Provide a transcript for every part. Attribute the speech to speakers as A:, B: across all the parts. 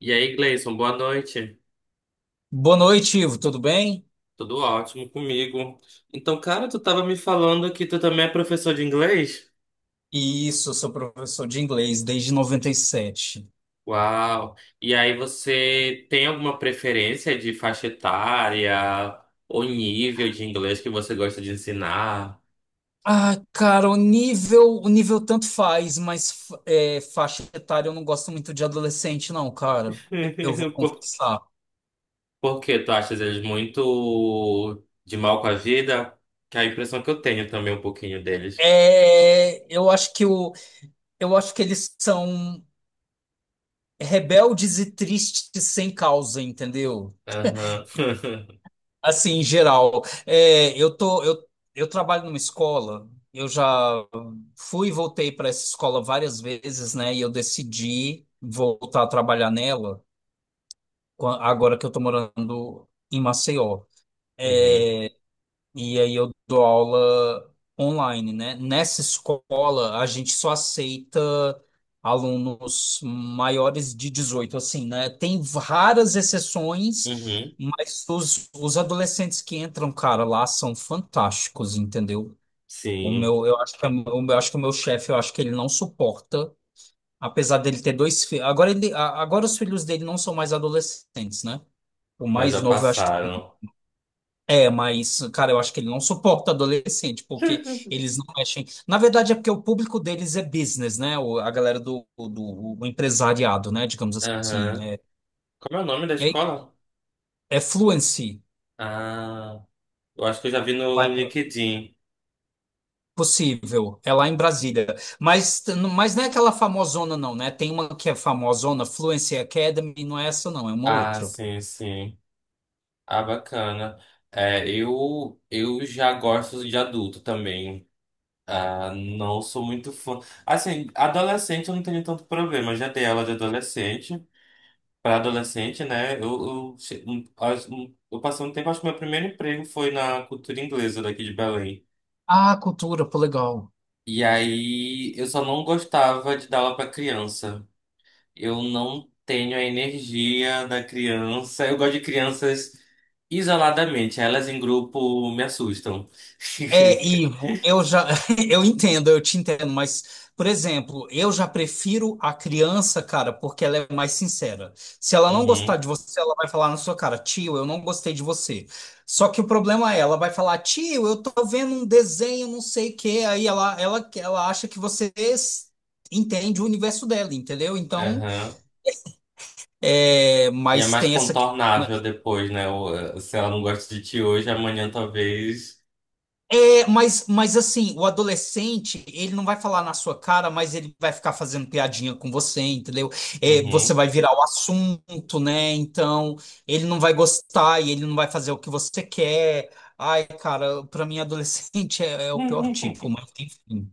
A: E aí, Gleison, boa noite.
B: Boa noite, Ivo, tudo bem?
A: Tudo ótimo comigo. Então, cara, tu tava me falando que tu também é professor de inglês?
B: Isso, eu sou professor de inglês desde 97.
A: Uau! E aí, você tem alguma preferência de faixa etária ou nível de inglês que você gosta de ensinar?
B: Ah, cara, o nível tanto faz, mas faixa etária eu não gosto muito de adolescente, não, cara. Eu vou
A: Por,
B: confessar.
A: por quê? Tu achas eles muito de mal com a vida? Que é a impressão que eu tenho também um pouquinho deles.
B: É, eu acho que eles são rebeldes e tristes sem causa, entendeu?
A: Aham.
B: Assim, em geral. É, eu trabalho numa escola, eu já. Fui e voltei para essa escola várias vezes, né? E eu decidi voltar a trabalhar nela agora que eu estou morando em Maceió.
A: Uhum.
B: E aí eu dou aula online, né? Nessa escola, a gente só aceita alunos maiores de 18, assim, né? Tem raras exceções,
A: Uhum.
B: mas os adolescentes que entram, cara, lá são fantásticos, entendeu?
A: Sim,
B: Eu acho que o meu chefe, eu acho que ele não suporta, apesar dele ter dois filhos. Agora, agora os filhos dele não são mais adolescentes, né? O
A: mas já
B: mais novo, eu acho que
A: passaram.
B: é, mas, cara, eu acho que ele não suporta adolescente, porque eles não mexem. Na verdade, é porque o público deles é business, né? A galera do empresariado, né? Digamos assim.
A: Aham. Como é o nome da
B: É,
A: escola?
B: é Fluency.
A: Ah, eu acho que eu já vi no
B: É
A: LinkedIn.
B: possível. É lá em Brasília. Mas, mas não é aquela famosona, não, né? Tem uma que é famosona, Fluency Academy, não é essa, não, é uma
A: Ah,
B: outra.
A: sim, sim. Ah, bacana. É, eu já gosto de adulto também. Ah, não sou muito fã. Assim, adolescente eu não tenho tanto problema. Já dei aula de adolescente. Para adolescente, né? Eu passei um tempo, acho que meu primeiro emprego foi na Cultura Inglesa daqui de Belém.
B: Ah, cultura, pô, legal.
A: E aí eu só não gostava de dar aula para criança. Eu não tenho a energia da criança. Eu gosto de crianças isoladamente. Elas em grupo me assustam.
B: É, Ivo, eu já eu entendo, eu te entendo, mas, por exemplo, eu já prefiro a criança, cara, porque ela é mais sincera. Se ela não gostar
A: Uhum,
B: de você, ela vai falar na sua cara, tio, eu não gostei de você. Só que o problema é, ela vai falar, tio, eu tô vendo um desenho, não sei o quê, aí ela acha que você entende o universo dela, entendeu? Então,
A: aham.
B: é,
A: E é
B: mas
A: mais
B: tem essa questão.
A: contornável depois, né? Se ela não gosta de ti hoje, amanhã talvez.
B: É, mas assim, o adolescente, ele não vai falar na sua cara, mas ele vai ficar fazendo piadinha com você, entendeu? É, você
A: Uhum.
B: vai virar o assunto, né? Então, ele não vai gostar e ele não vai fazer o que você quer. Ai, cara, pra mim, adolescente é o pior tipo, mas enfim.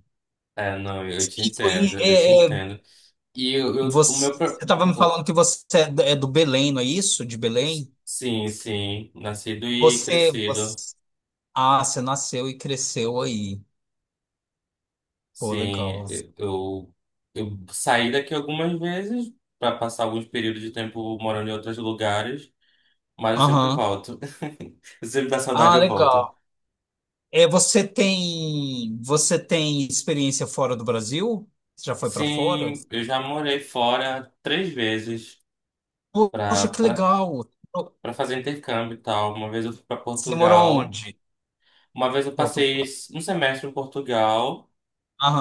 A: É, não, eu te
B: Sim,
A: entendo, eu te entendo. E eu- o
B: você,
A: meu. Pro-
B: você tava me
A: o-
B: falando que você é do Belém, não é isso? De Belém?
A: Sim, sim, nascido e
B: Você, você...
A: crescido.
B: Ah, você nasceu e cresceu aí. Pô,
A: Sim,
B: legal.
A: eu saí daqui algumas vezes para passar alguns períodos de tempo morando em outros lugares, mas eu sempre
B: Aham.
A: volto. Eu sempre dá saudade,
B: Ah,
A: eu volto.
B: legal. É, você tem experiência fora do Brasil? Você já foi para fora?
A: Sim, eu já morei fora três vezes
B: Poxa,
A: para
B: que
A: para
B: legal.
A: para fazer intercâmbio e tal. Uma vez eu fui para
B: Você morou
A: Portugal,
B: onde?
A: uma vez eu passei
B: Portugal.
A: um semestre em Portugal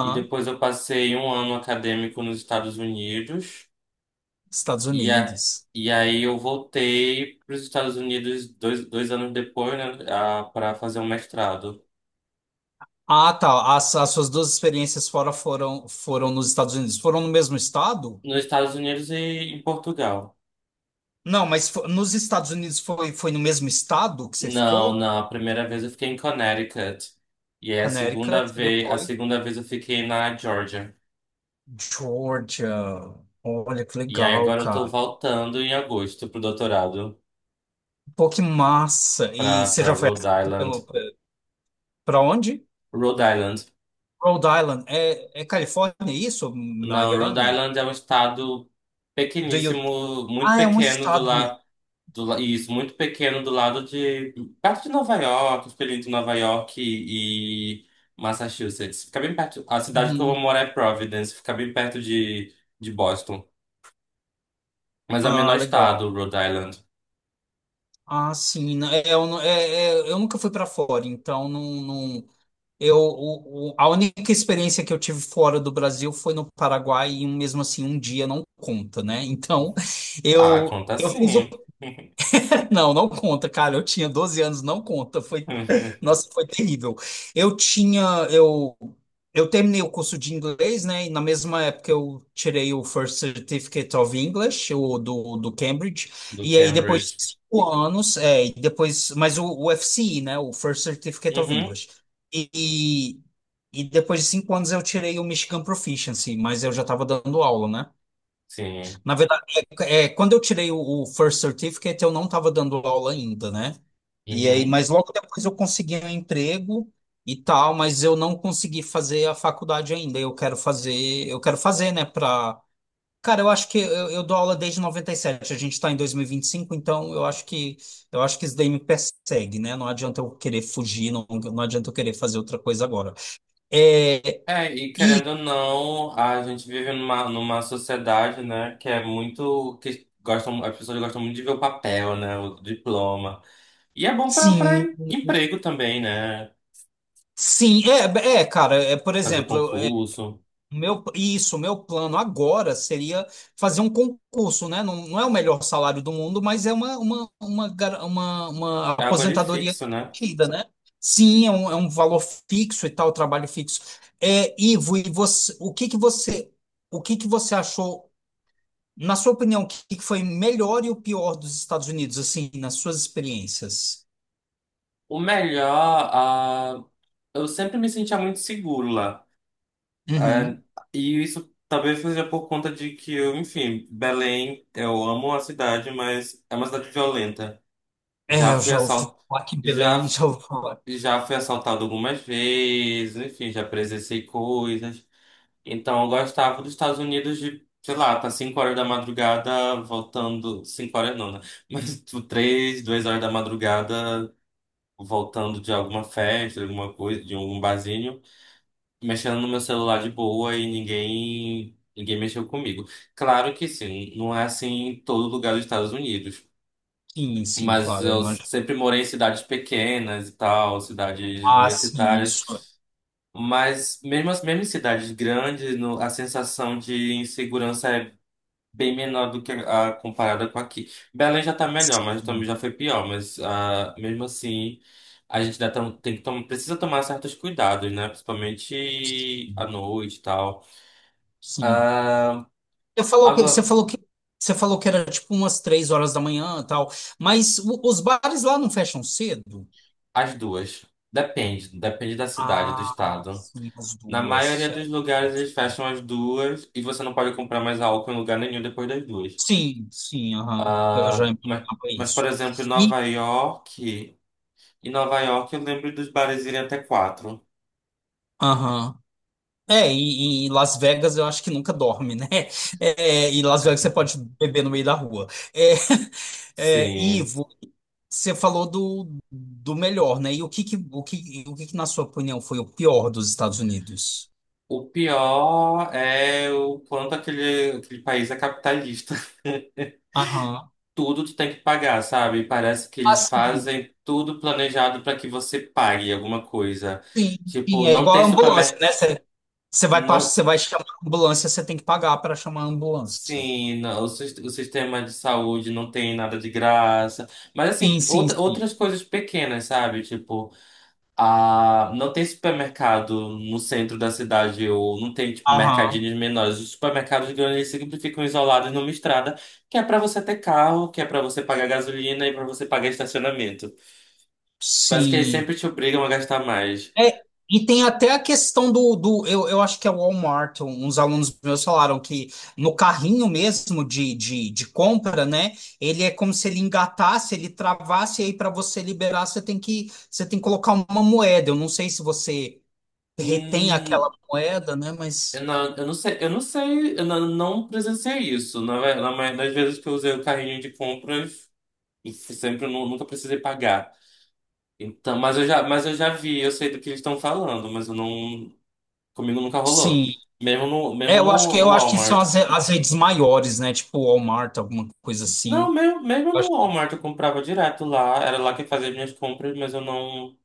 A: e depois eu passei um ano acadêmico nos Estados Unidos.
B: Estados
A: E, a,
B: Unidos.
A: e aí eu voltei para os Estados Unidos dois anos depois, né, para fazer um mestrado.
B: Ah, tá. As suas duas experiências fora foram nos Estados Unidos. Foram no mesmo estado?
A: Nos Estados Unidos e em Portugal.
B: Não, mas nos Estados Unidos foi no mesmo estado que você
A: Não,
B: ficou?
A: não, a primeira vez eu fiquei em Connecticut. E aí a segunda
B: Connecticut e
A: vez, a
B: depois
A: segunda vez eu fiquei na Georgia.
B: Georgia. Olha que
A: E aí
B: legal,
A: agora eu tô
B: cara.
A: voltando em agosto pro doutorado,
B: Pô, que massa. E
A: para
B: você
A: para
B: já foi
A: Rhode
B: aceito
A: Island.
B: pelo. Para onde?
A: Rhode Island.
B: Rhode Island. É Califórnia é isso?
A: Não, Rhode
B: Miami?
A: Island é um estado
B: Do you...
A: pequeníssimo, muito
B: Ah, é um
A: pequeno do
B: estado mesmo.
A: lado isso, muito pequeno do lado de. Perto de Nova York, fica ali entre Nova York e Massachusetts. Fica bem perto. A cidade que eu vou
B: Uhum.
A: morar é Providence, fica bem perto de Boston. Mas é o
B: Ah,
A: menor
B: legal.
A: estado, Rhode Island.
B: Ah, sim, né. é, Eu, não- é, é, Eu nunca fui para fora, então não, não, a única experiência que eu tive fora do Brasil foi no Paraguai e mesmo assim um dia não conta, né? Então
A: Ah,
B: eu
A: conta
B: eu fiz
A: sim.
B: Não, não conta, cara. Eu tinha 12 anos, não conta. Foi, nossa, foi terrível. Eu tinha, eu, eu terminei o curso de inglês, né? E na mesma época eu tirei o First Certificate of English, o do Cambridge.
A: Do
B: E aí depois de
A: Cambridge.
B: 5 anos, e depois, mas o FCE, né? O First Certificate of
A: Uhum,
B: English. E, e depois de 5 anos eu tirei o Michigan Proficiency, mas eu já estava dando aula, né?
A: sim.
B: Na verdade, quando eu tirei o First Certificate, eu não estava dando aula ainda, né? E aí,
A: Uhum.
B: mas logo depois eu consegui um emprego e tal, mas eu não consegui fazer a faculdade ainda. Eu quero fazer, né? Pra... Cara, eu acho que eu dou aula desde noventa e sete. A gente está em dois mil e vinte e cinco, então eu acho que isso daí me persegue, né? Não adianta eu querer fugir, não, não adianta eu querer fazer outra coisa agora. É,
A: É, e
B: e
A: querendo ou não, a gente vive numa sociedade, né, que é muito. Que gostam, as pessoas gostam muito de ver o papel, né, o diploma. E é bom para
B: sim,
A: emprego também, né?
B: sim, cara, por
A: Fazer
B: exemplo,
A: concurso.
B: Isso, o meu plano agora seria fazer um concurso, né? Não, não é o melhor salário do mundo, mas é uma
A: É algo ali
B: aposentadoria
A: fixo, né?
B: garantida, né? Sim, é um valor fixo e tal, trabalho fixo. É, Ivo, e você, o que que você achou, na sua opinião, o que que foi melhor e o pior dos Estados Unidos, assim, nas suas experiências?
A: O melhor, eu sempre me sentia muito seguro lá. Ah,
B: Uhum.
A: e isso talvez seja por conta de que eu, enfim, Belém, eu amo a cidade, mas é uma cidade violenta.
B: É,
A: Já
B: eu
A: fui
B: já ouvi
A: assal...
B: falar que
A: já,
B: Belém, já ouvi falar.
A: já fui assaltado algumas vezes, enfim, já presenciei coisas. Então, eu gostava dos Estados Unidos de, sei lá, tá 5 horas da madrugada voltando. 5 horas não, né? Mas tipo, 3, 2 horas da madrugada voltando de alguma festa, de alguma coisa, de algum barzinho, mexendo no meu celular de boa e ninguém mexeu comigo. Claro que sim, não é assim em todo lugar dos Estados Unidos.
B: Sim, sim,
A: Mas
B: claro, eu
A: eu
B: imagino.
A: sempre morei em cidades pequenas e tal, cidades
B: Ah, sim, isso.
A: universitárias. Mas mesmo em cidades grandes, a sensação de insegurança é bem menor do que a comparada com aqui. Belém já tá melhor, mas também já
B: É.
A: foi pior. Mas mesmo assim, a gente dá, tam- tem que tom- precisa tomar certos cuidados, né? Principalmente à noite e tal.
B: Sim.
A: Ah,
B: Você falou que, você
A: agora,
B: falou que, Você falou que era tipo umas 3 horas da manhã e tal, mas os bares lá não fecham cedo?
A: as duas. Depende da cidade, do
B: Ah,
A: estado.
B: sim, as
A: Na maioria
B: duas. É
A: dos lugares
B: verdade.
A: eles fecham as duas e você não pode comprar mais álcool em lugar nenhum depois das duas.
B: Sim, sim, aham. Eu já
A: Ah,
B: imaginava isso.
A: por exemplo,
B: E,
A: Em Nova York eu lembro dos bares irem até quatro.
B: aham. É, e em Las Vegas eu acho que nunca dorme, né? É, e Las Vegas você pode beber no meio da rua. É, é,
A: Sim.
B: Ivo, você falou do melhor, né? E o que que, na sua opinião, foi o pior dos Estados Unidos?
A: O pior é o quanto aquele país é capitalista.
B: Aham.
A: Tudo tu tem que pagar, sabe? Parece que eles
B: Assim,
A: fazem tudo planejado para que você pague alguma coisa.
B: sim, sim,
A: Tipo,
B: é
A: não
B: igual
A: tem
B: a ambulância,
A: supermercado.
B: né? Você, você vai, pass-
A: Não,
B: você vai chamar a ambulância, você tem que pagar para chamar a ambulância.
A: sim, não, o sistema de saúde não tem nada de graça. Mas assim,
B: Sim, sim,
A: outra,
B: sim.
A: outras coisas pequenas, sabe? Tipo. Ah, não tem supermercado no centro da cidade, ou não tem, tipo,
B: Aham.
A: mercadinhos menores. Os supermercados grandes eles sempre ficam isolados numa estrada, que é pra você ter carro, que é pra você pagar gasolina e pra você pagar estacionamento. Parece que eles
B: Sim.
A: sempre te obrigam a gastar mais.
B: É, e tem até a questão do eu acho que é o Walmart, uns alunos meus falaram que no carrinho mesmo de compra, né? Ele é como se ele engatasse, ele travasse, e aí para você liberar, você tem que colocar uma moeda. Eu não sei se você retém
A: Hum,
B: aquela moeda, né?
A: eu
B: Mas
A: não, eu não sei, eu não, não presenciei isso. Na maioria das vezes que eu usei o carrinho de compras, eu sempre nunca precisei pagar. Então, mas eu já vi, eu sei do que eles estão falando, mas eu não. Comigo nunca rolou.
B: sim.
A: Mesmo no,
B: É,
A: mesmo
B: eu acho que
A: no, no
B: eu acho que são
A: Walmart.
B: as redes maiores, né? Tipo Walmart, alguma coisa
A: Não,
B: assim.
A: mesmo
B: Eu
A: no
B: acho-
A: Walmart eu comprava direto lá. Era lá que fazia minhas compras, mas eu não,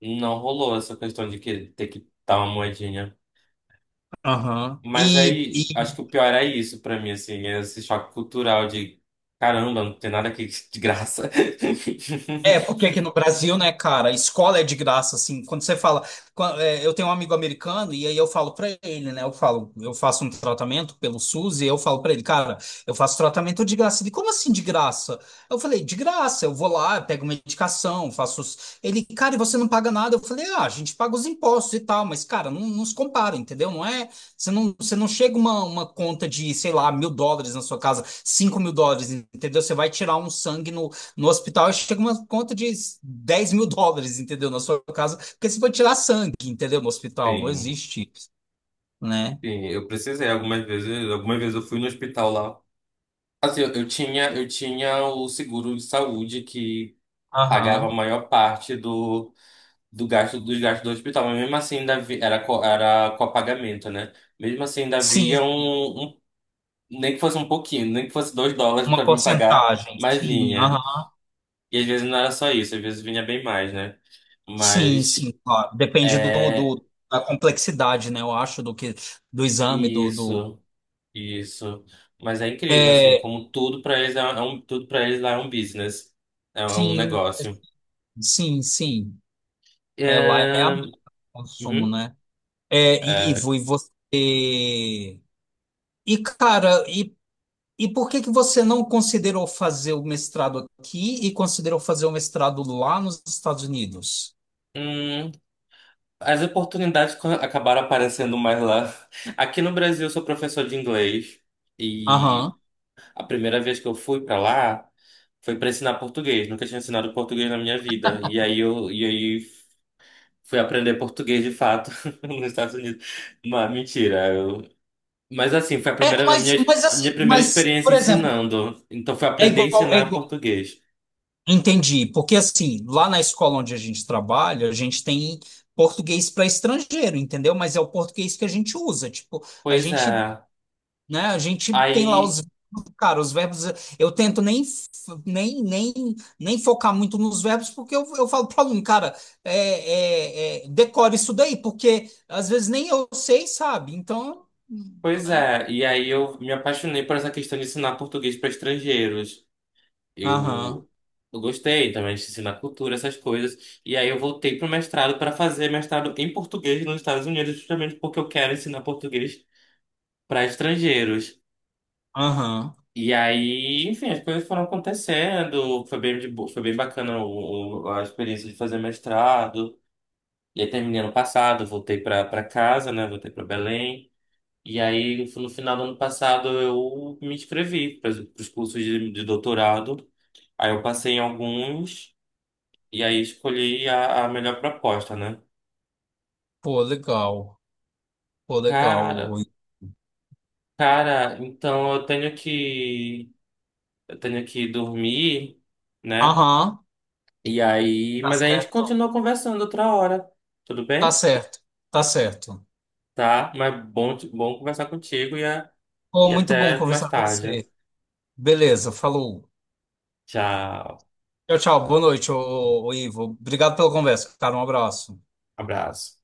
A: não rolou essa questão de que ter que dar uma moedinha.
B: Aham.
A: Mas aí, acho que o pior é isso pra mim, assim, é esse choque cultural de caramba, não tem nada aqui de graça.
B: É, porque aqui no Brasil, né, cara, escola é de graça, assim, quando você fala, eu tenho um amigo americano e aí eu falo pra ele, né, eu falo, eu faço um tratamento pelo SUS e eu falo pra ele, cara, eu faço tratamento de graça. Ele, como assim de graça? Eu falei, de graça, eu vou lá, pego medicação, faço... os-" Ele, cara, e você não paga nada? Eu falei, ah, a gente paga os impostos e tal, mas, cara, não, não se compara, entendeu? Não é, você não chega uma conta de, sei lá, 1.000 dólares na sua casa, 5.000 dólares, entendeu? Você vai tirar um sangue no hospital, chega uma conta de 10.000 dólares, entendeu? Na sua casa, porque você vai tirar sangue, entendeu? No hospital, não
A: Sim,
B: existe, né?
A: sim, eu precisei algumas vezes. Algumas vezes eu fui no hospital lá. Assim, eu tinha o seguro de saúde que pagava a
B: Aham.
A: maior parte do do gasto dos gastos do hospital, mas mesmo assim ainda havia, era copagamento, né? Mesmo assim ainda
B: Sim,
A: nem que fosse um pouquinho, nem que fosse 2 dólares
B: uma
A: para me pagar,
B: porcentagem.
A: mas
B: Sim,
A: vinha.
B: aham.
A: E às vezes não era só isso, às vezes vinha bem mais, né?
B: Sim,
A: Mas
B: sim, claro. Depende
A: é
B: da complexidade, né? Eu acho, do que do exame.
A: isso, isso. Mas é incrível assim,
B: É,
A: como tudo para eles é, é um tudo para eles lá é um business, é um
B: sim,
A: negócio.
B: sim, sim. É, lá é
A: É,
B: a consumo,
A: uhum,
B: né? É,
A: é,
B: Ivo, e você. E, cara, e por que que você não considerou fazer o mestrado aqui e considerou fazer o mestrado lá nos Estados Unidos?
A: hum, as oportunidades acabaram aparecendo mais lá. Aqui no Brasil, eu sou professor de inglês e
B: Aham.
A: a primeira vez que eu fui para lá foi para ensinar português. Nunca tinha ensinado português na minha vida. E aí fui aprender português de fato nos Estados Unidos. Mas mentira, eu... Mas assim, foi
B: É, mas, mas
A: a
B: assim,
A: minha primeira
B: mas,
A: experiência
B: por exemplo,
A: ensinando. Então foi
B: é
A: aprender a
B: igual, é
A: ensinar
B: igual.
A: português.
B: Entendi, porque assim, lá na escola onde a gente trabalha, a gente tem português para estrangeiro, entendeu? Mas é o português que a gente usa, tipo, a
A: Pois é.
B: gente né? A gente tem lá
A: Aí,
B: os, cara, os verbos, eu tento nem, f- nem, nem, nem focar muito nos verbos, porque eu falo para o aluno, cara, decore isso daí, porque às vezes nem eu sei, sabe? Então,
A: pois
B: né?
A: é. E aí eu me apaixonei por essa questão de ensinar português para estrangeiros.
B: Aham,
A: Eu, eu gostei também de ensinar cultura, essas coisas. E aí eu voltei para o mestrado para fazer mestrado em português nos Estados Unidos, justamente porque eu quero ensinar português para estrangeiros.
B: aham.
A: E aí, enfim, as coisas foram acontecendo. Foi bem bacana a experiência de fazer mestrado. E aí terminei ano passado, voltei para casa, né? Voltei para Belém. E aí, no final do ano passado, eu me inscrevi para os cursos de doutorado. Aí eu passei em alguns. E aí escolhi a melhor proposta, né?
B: Pô, legal. Pô, legal.
A: Cara,
B: Rui.
A: cara, então eu tenho que dormir, né?
B: Aham,
A: E aí,
B: tá
A: mas a gente
B: certo.
A: continua conversando outra hora, tudo
B: Tá
A: bem?
B: certo, tá certo.
A: Tá, mas bom, bom conversar contigo e, a-
B: Pô,
A: e
B: muito bom
A: até mais
B: conversar com
A: tarde.
B: você. Beleza, falou.
A: Tchau,
B: Tchau, tchau. Boa noite, Ivo. Obrigado pela conversa, cara. Um abraço.
A: abraço.